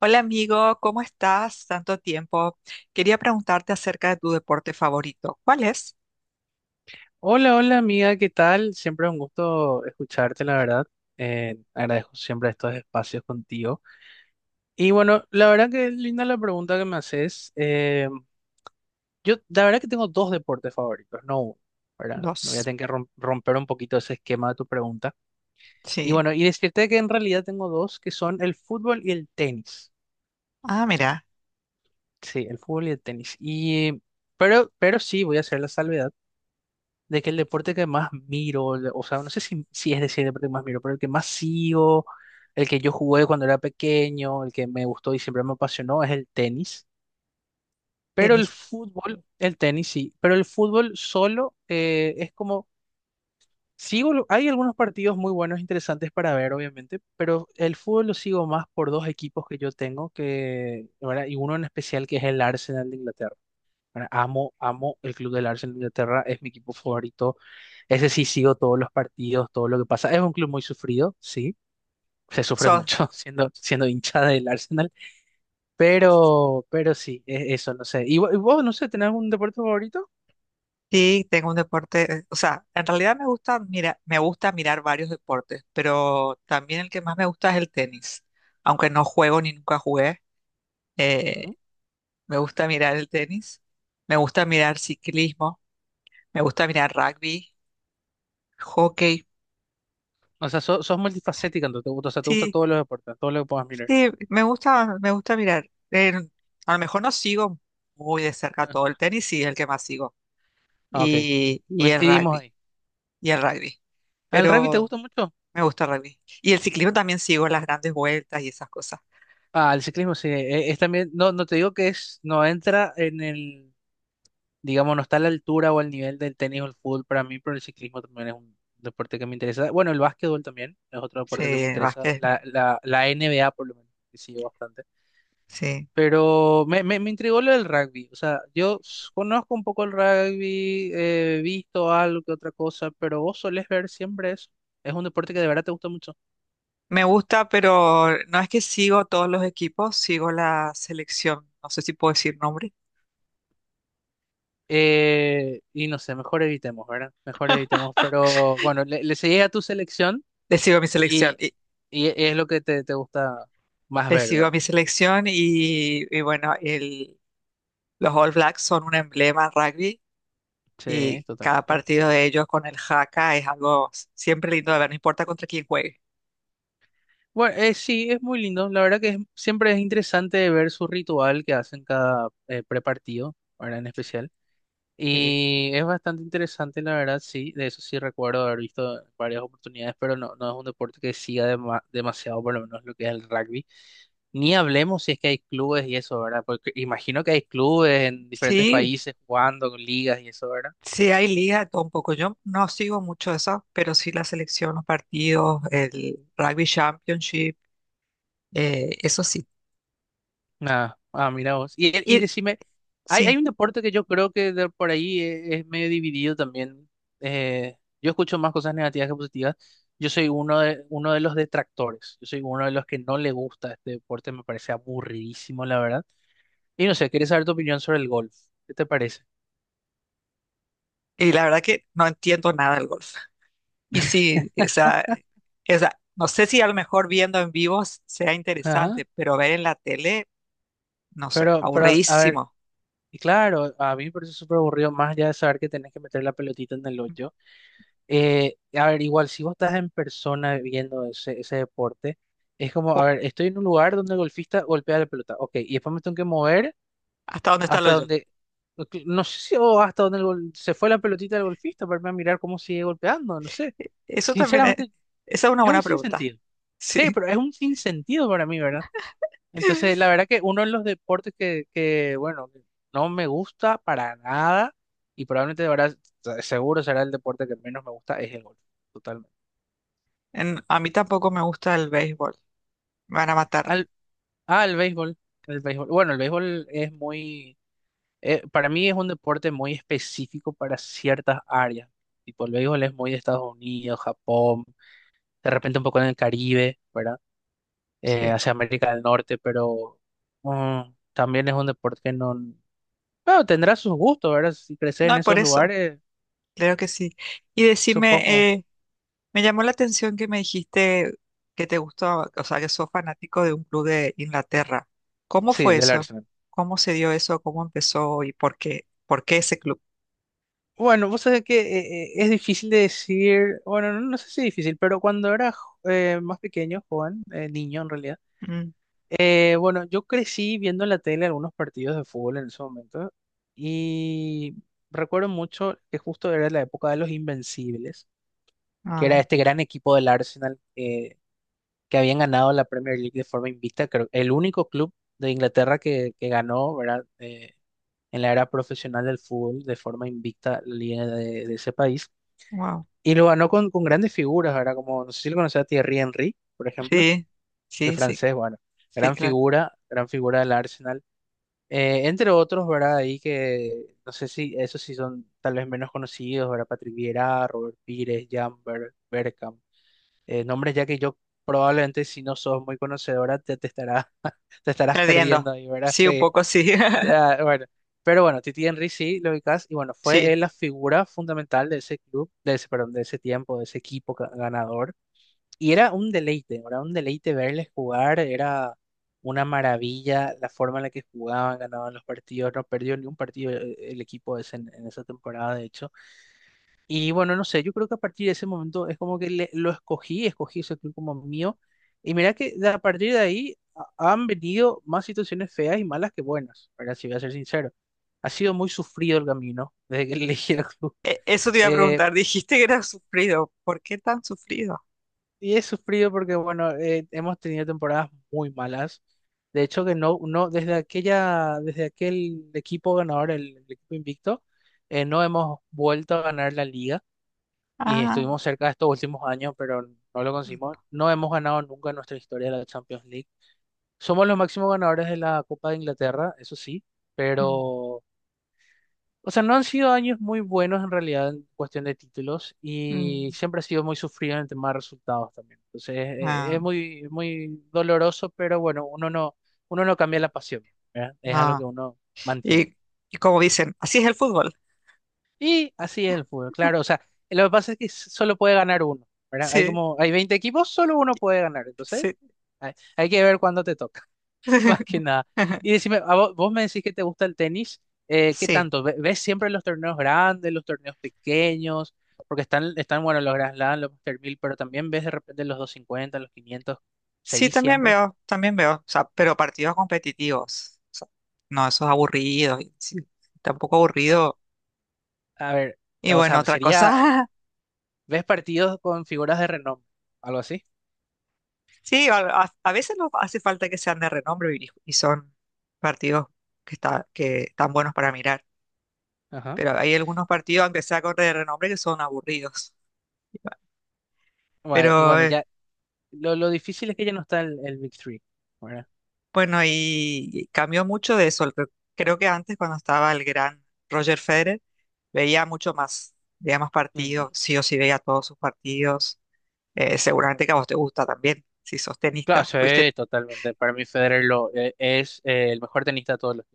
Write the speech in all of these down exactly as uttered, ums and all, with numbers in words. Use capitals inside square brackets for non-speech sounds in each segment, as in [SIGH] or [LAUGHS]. Hola amigo, ¿cómo estás? Tanto tiempo. Quería preguntarte acerca de tu deporte favorito. ¿Cuál es? Hola, hola amiga, ¿qué tal? Siempre un gusto escucharte, la verdad. Eh, agradezco siempre estos espacios contigo. Y bueno, la verdad que es linda la pregunta que me haces. Eh, yo, la verdad que tengo dos deportes favoritos, no uno, ¿verdad? Me voy a Los. tener que rom- romper un poquito ese esquema de tu pregunta. Y Sí. bueno, y decirte que en realidad tengo dos, que son el fútbol y el tenis. Ah, mira, Sí, el fútbol y el tenis. Y, pero, pero sí, voy a hacer la salvedad de que el deporte que más miro, el- o sea, no sé si, si es decir el deporte que más miro, pero el que más sigo, el que yo jugué cuando era pequeño, el que me gustó y siempre me apasionó es el tenis. Pero el tenis. fútbol, el tenis sí, pero el fútbol solo eh, es como, sigo, lo- hay algunos partidos muy buenos, interesantes para ver, obviamente, pero el fútbol lo sigo más por dos equipos que yo tengo, que, ¿verdad? Y uno en especial que es el Arsenal de Inglaterra. Bueno, amo, amo el club del Arsenal de Inglaterra, es mi equipo favorito. Ese sí sigo todos los partidos, todo lo que pasa. Es un club muy sufrido, sí, se sufre So, mucho [LAUGHS] siendo, siendo hincha del Arsenal, pero, pero sí, e- eso, no sé. ¿Y vo- y vos, no sé, tenés algún deporte favorito? sí, tengo un deporte, eh, o sea, en realidad me gusta, mira, me gusta mirar varios deportes, pero también el que más me gusta es el tenis. Aunque no juego ni nunca jugué, Ujú. eh, me gusta mirar el tenis. Me gusta mirar ciclismo, me gusta mirar rugby, hockey. O sea, so- sos multifacética, entonces, te gusta, o sea, te gustan Sí, todos los deportes, todo lo que puedas mirar. sí, me gusta, me gusta mirar. Eh, a lo mejor no sigo muy de cerca todo el [LAUGHS] tenis, sí, es el que más sigo. Ah, ah, Ok, Y, y el coincidimos rugby, ahí. y el rugby. ¿Al rugby te Pero gusta mucho? me gusta el rugby. Y el ciclismo también sigo las grandes vueltas y esas cosas. Ah, el ciclismo sí, e- es también, no, no te digo que es, no entra en el, digamos, no está a la altura o al nivel del tenis o el fútbol para mí, pero el ciclismo también es un deporte que me interesa. Bueno, el básquetbol también es otro deporte que me Sí, interesa, Vázquez, la, la, la N B A por lo menos, que sigo bastante. sí. Pero me, me, me intrigó lo del rugby, o sea, yo s- conozco un poco el rugby, he visto algo que otra cosa, pero vos solés ver siempre eso. Es un deporte que de verdad te gusta mucho. Me gusta, pero no es que sigo todos los equipos, sigo la selección. No sé si puedo decir nombre. Eh, y no sé, mejor evitemos, ¿verdad? Mejor evitemos. Pero bueno, le, le seguí a tu selección. Le sigo a mi selección. Y, Y, y es lo que te, te gusta más le ver, sigo a ¿verdad? mi selección y, y bueno, el, los All Blacks son un emblema en rugby Sí, y cada totalmente. partido de ellos con el jaca es algo siempre lindo de ver, no importa contra quién juegue. Bueno, eh, sí, es muy lindo. La verdad que es- siempre es interesante ver su ritual que hacen cada eh, prepartido, verdad en especial. Eh, Y es bastante interesante, la verdad, sí. De eso sí recuerdo haber visto varias oportunidades, pero no, no es un deporte que siga dema- demasiado, por lo menos lo que es el rugby. Ni hablemos si es que hay clubes y eso, ¿verdad? Porque imagino que hay clubes en diferentes sí, países jugando con ligas y eso, ¿verdad? sí hay liga, de todo un poco. Yo no sigo mucho eso, pero sí la selección, los partidos, el Rugby Championship, eh, eso sí. Ah, ah, mira vos. Y, y Y decime, hay, hay sí, un deporte que yo creo que de por ahí es, es medio dividido también. Eh, yo escucho más cosas negativas que positivas. Yo soy uno de, uno de los detractores. Yo soy uno de los que no le gusta este deporte. Me parece aburridísimo, la verdad. Y no sé, quería saber tu opinión sobre el golf. ¿Qué te parece? y la verdad que no entiendo nada del golf. Y sí, o sea o sea no sé si a lo mejor viendo en vivo s- sea Ajá. interesante, pero ver en la tele, no sé, Pero, pero, a ver, aburridísimo. y claro, a mí me parece súper aburrido más allá de saber que tenés que meter la pelotita en el hoyo. Eh, a ver, igual, si vos estás en persona viendo ese, ese deporte, es como, a Cu- ver, estoy en un lugar donde el golfista golpea la pelota, ok, y después me tengo que mover ¿Hasta dónde está lo hasta yo? donde, no que- no sé si, o hasta donde el gol- se fue la pelotita del golfista para irme a mirar cómo sigue golpeando, no sé. Eso también es, Sinceramente, esa es una es buena un pregunta. sinsentido. Sí, Sí, pero es un sinsentido para mí, ¿verdad? Entonces, la verdad que uno de los deportes que, que bueno, que no me gusta para nada, y probablemente, de verdad, se- seguro será el deporte que menos me gusta, es el golf, totalmente. En- a mí tampoco me gusta el béisbol. Me van a matar. Ah, el béisbol, el béisbol. Bueno, el béisbol es muy, eh, para mí es un deporte muy específico para ciertas áreas. Tipo, el béisbol es muy de Estados Unidos, Japón, de repente un poco en el Caribe, ¿verdad? Eh, Sí. Hacia América del Norte, pero mm, también es un deporte que no, bueno, tendrá sus gustos, ¿verdad? Si creces en No, por esos eso, lugares, claro que sí. Y supongo. decime, eh, me llamó la atención que me dijiste que te gustó, o sea, que sos fanático de un club de Inglaterra. ¿Cómo Sí, fue del eso? Arsenal. ¿Cómo se dio eso? ¿Cómo empezó y por qué? ¿Por qué ese club? Bueno, vos sabés que eh, eh, es difícil de decir, bueno, no, no sé si difícil, pero cuando era jo- eh, más pequeño, joven, eh, niño en realidad. Mm, Eh, bueno, yo crecí viendo en la tele algunos partidos de fútbol en ese momento y recuerdo mucho que justo era la época de los Invencibles, que ah, era este gran equipo del Arsenal eh, que habían ganado la Premier League de forma invicta, creo, el único club de Inglaterra que, que ganó, ¿verdad? Eh, en la era profesional del fútbol de forma invicta la liga de, de ese país wow. y lo ganó con, con grandes figuras, ¿verdad? Como no sé si lo conocía a Thierry Henry, por ejemplo, Sí, el sí, sí, francés, bueno, sí, gran claro. figura, gran figura del Arsenal. Eh, entre otros, ¿verdad? Ahí que no sé si esos sí son tal vez menos conocidos, ¿verdad? Patrick Vieira, Robert Pires, Jan Ber- Bergkamp. Eh, nombres ya que yo probablemente si no sos muy conocedora te, te estará- [LAUGHS] te estarás Perdiendo. perdiendo ahí, ¿verdad? Sí, un Sí. poco sí. [LAUGHS] Ah, bueno. Pero bueno, Titi Henry sí lo ubicás y bueno, Sí. fue él la figura fundamental de ese club, de ese, perdón, de ese tiempo, de ese equipo ca- ganador. Y era un deleite, era un deleite verles jugar, era una maravilla la forma en la que jugaban, ganaban los partidos, no perdió ni un partido eh, el equipo ese en, en esa temporada, de hecho. Y bueno, no sé, yo creo que a partir de ese momento es como que le- lo escogí, escogí ese club como mío. Y mira que de- a partir de ahí ha- han venido más situaciones feas y malas que buenas, ¿verdad? Si voy a ser sincero. Ha sido muy sufrido el camino desde que [LAUGHS] elegí el club. E- Eso te iba a Eh, preguntar. Dijiste que era sufrido. ¿Por qué tan sufrido? Y he sufrido porque, bueno, eh, hemos tenido temporadas muy malas. De hecho, que no, no, desde aquella, desde aquel equipo ganador, el, el equipo invicto, eh, no hemos vuelto a ganar la liga. Y Ah, estuvimos cerca estos últimos años, pero no lo conseguimos. No hemos ganado nunca en nuestra historia la Champions League. Somos los máximos ganadores de la Copa de Inglaterra, eso sí, mm, pero o sea, no han sido años muy buenos en realidad en cuestión de títulos y mm, siempre ha sido muy sufrido en el tema de resultados también. Entonces, eh, ah, es muy, muy doloroso, pero bueno, uno no, uno no cambia la pasión, ¿verdad? Es algo que no. uno mantiene. Y, y como dicen, así es el fútbol. Y así es el fútbol, claro. O sea, lo que pasa es que s- solo puede ganar uno, ¿verdad? Hay Sí, como, hay veinte equipos, solo uno puede ganar. Entonces, sí. hay, hay que ver cuándo te toca. [LAUGHS] Más que [LAUGHS] nada. Y decime, a vo- vos, me decís que te gusta el tenis, eh, ¿qué Sí, tanto? ¿Ve- ¿Ves siempre los torneos grandes, los torneos pequeños? Porque están, están bueno, los Grand Slam, los Master mil, pero también ves de repente los doscientos cincuenta los quinientos, sí, ¿seguís también siempre? veo, también veo. O sea, pero partidos competitivos. O sea, no, esos aburridos. Y sí, tampoco aburrido. A ver, Y o bueno, sea, otra sería, cosa. [LAUGHS] ¿ves partidos con figuras de renombre? ¿Algo así? Sí, a, a- a veces no hace falta que sean de renombre y, y son partidos que, está, que están buenos para mirar. Ajá. Pero hay algunos partidos, aunque sea corte de renombre, que son aburridos. Bueno, y Pero bueno, eh, ya, lo, lo difícil es que ya no está el, el Big Three, ¿verdad? bueno, y y cambió mucho de eso. Cre- Creo que antes, cuando estaba el gran Roger Federer, veía mucho más, veía más Mm. partidos, sí o sí veía todos sus partidos. Eh, seguramente que a vos te gusta también, si sos Claro, tenista, sí, fuiste, totalmente. Para mí Federer lo, eh, es eh, el mejor tenista de todos los.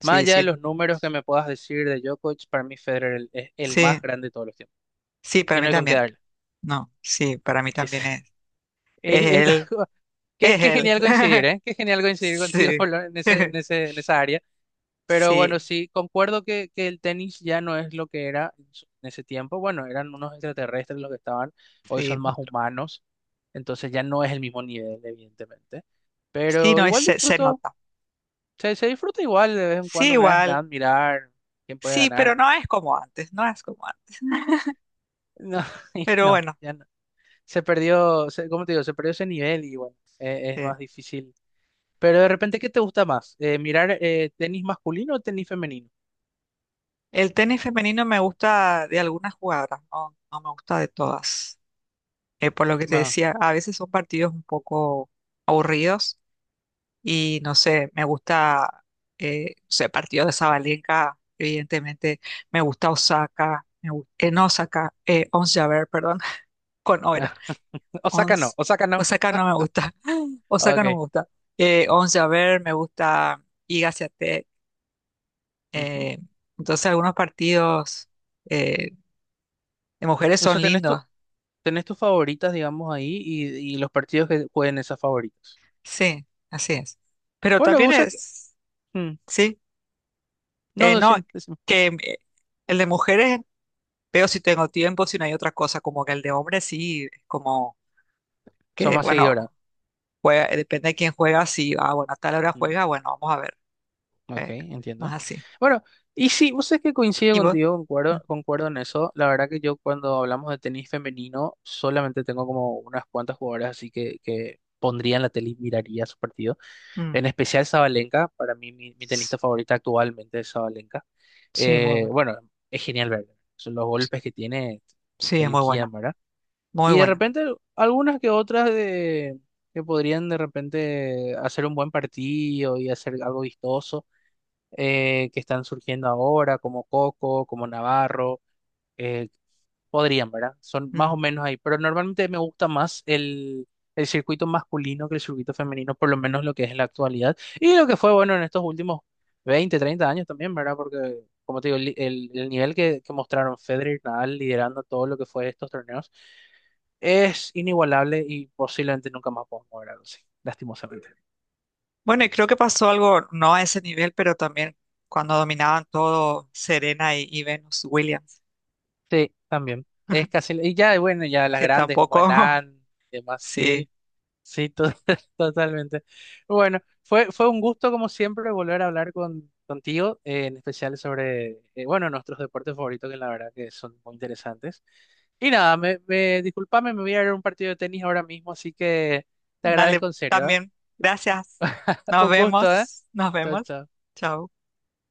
Más sí, allá de sí, los números que me puedas decir de Djokovic, para mí Federer el- es el sí, más grande de todos los tiempos. sí, para Y mí no hay con qué también. darle. No, sí, para mí Es- también es, [LAUGHS] es es- es él, algo, qué, es qué él. genial coincidir, [LAUGHS] ¿eh? Qué genial coincidir contigo [LAUGHS] Sí, Pablo, en ese, en [LAUGHS] ese, en esa área. Pero bueno, sí, sí, concuerdo que, que el tenis ya no es lo que era en su- en ese tiempo. Bueno, eran unos extraterrestres los que estaban, hoy sí, son más monstruo. humanos, entonces ya no es el mismo nivel, evidentemente. Sí, Pero no, es- igual se, se disfruto, nota. se, se disfruta igual de vez en Sí, cuando un Grand igual. Slam, mirar quién puede Sí, pero ganar. no es como antes, no es como antes. [LAUGHS] No, [LAUGHS] Pero no, bueno, ya no. Se perdió, se- ¿cómo te digo? Se perdió ese nivel y bueno, eh, es eh, más difícil. Pero de repente, ¿qué te gusta más? Eh, ¿mirar eh, tenis masculino o tenis femenino? el tenis femenino me gusta de algunas jugadoras, no, no me gusta de todas. Eh, por lo que te Ah, decía, a veces son partidos un poco aburridos y no sé, me gusta, eh, no sé, partido de Sabalenka, evidentemente, me gusta Osaka, me gu- en Osaka, eh, Ons Jabeur, perdón, [LAUGHS] con Oera. [LAUGHS] Osaka no, Ons. Osaka no. Osaka no me [LAUGHS] gusta. [LAUGHS] Osaka no Ok. me gusta. Eh, Once, a ver me gusta Iga Swiatek. Ujú. Eh, entonces algunos partidos eh, de mujeres O sea, son tenés tu, lindos. tenés tus favoritas, digamos, ahí y, y los partidos que jueguen esas favoritas. Sí, así es. Pero Bueno, también vos sabés que es, mm, sí, no, eh, no, decime, decime. que eh, el de mujeres veo si tengo tiempo, si no hay otra cosa, como que el de hombres sí, es como Son que, más seguidoras. bueno, juega, eh, depende de quién juega, si, ah, bueno, a tal hora juega, bueno, vamos a ver. Ok, eh, Más entiendo. así. Bueno, y sí, vos sabés que coincido ¿Y vos? contigo, Mm, concuerdo, concuerdo en eso. La verdad que yo cuando hablamos de tenis femenino, solamente tengo como unas cuantas jugadoras así que, que pondría en la tele y miraría su partido. mm. En especial Sabalenka, para mí mi, mi tenista favorita actualmente es Sabalenka. Sí, muy Eh, buena. Bueno, es genial verla. Son los golpes que tiene, Sí, te es muy liquidan, buena, ¿verdad? muy Y de buena. repente algunas que otras de, que podrían de repente hacer un buen partido y hacer algo vistoso eh, que están surgiendo ahora, como Coco, como Navarro, eh, podrían, ¿verdad? Son más o Mm. menos ahí, pero normalmente me gusta más el, el circuito masculino que el circuito femenino, por lo menos lo que es en la actualidad, y lo que fue bueno en estos últimos veinte treinta años también, ¿verdad? Porque, como te digo, el, el- el nivel que, que mostraron Federer y Nadal liderando todo lo que fue estos torneos es inigualable y posiblemente nunca más podamos ver algo así, lastimosamente. Bueno, y creo que pasó algo, no a ese nivel, pero también cuando dominaban todo Serena y, y Venus Williams, Sí, también. Es [LAUGHS] casi, y ya, bueno, ya las que grandes como tampoco, Enan, [LAUGHS] demás, sí. sí, sí, to- Sí. [LAUGHS] totalmente. Bueno, fue, fue un gusto como siempre volver a hablar con, contigo, eh, en especial sobre, eh, bueno, nuestros deportes favoritos, que la verdad que son muy interesantes. Y nada, me, me, disculpame, me voy a ir a un partido de tenis ahora mismo, así que te Dale, agradezco en serio, ¿eh? también, gracias. [LAUGHS] Nos Un gusto, ¿eh? vemos, nos Chao, vemos. chao. Chao.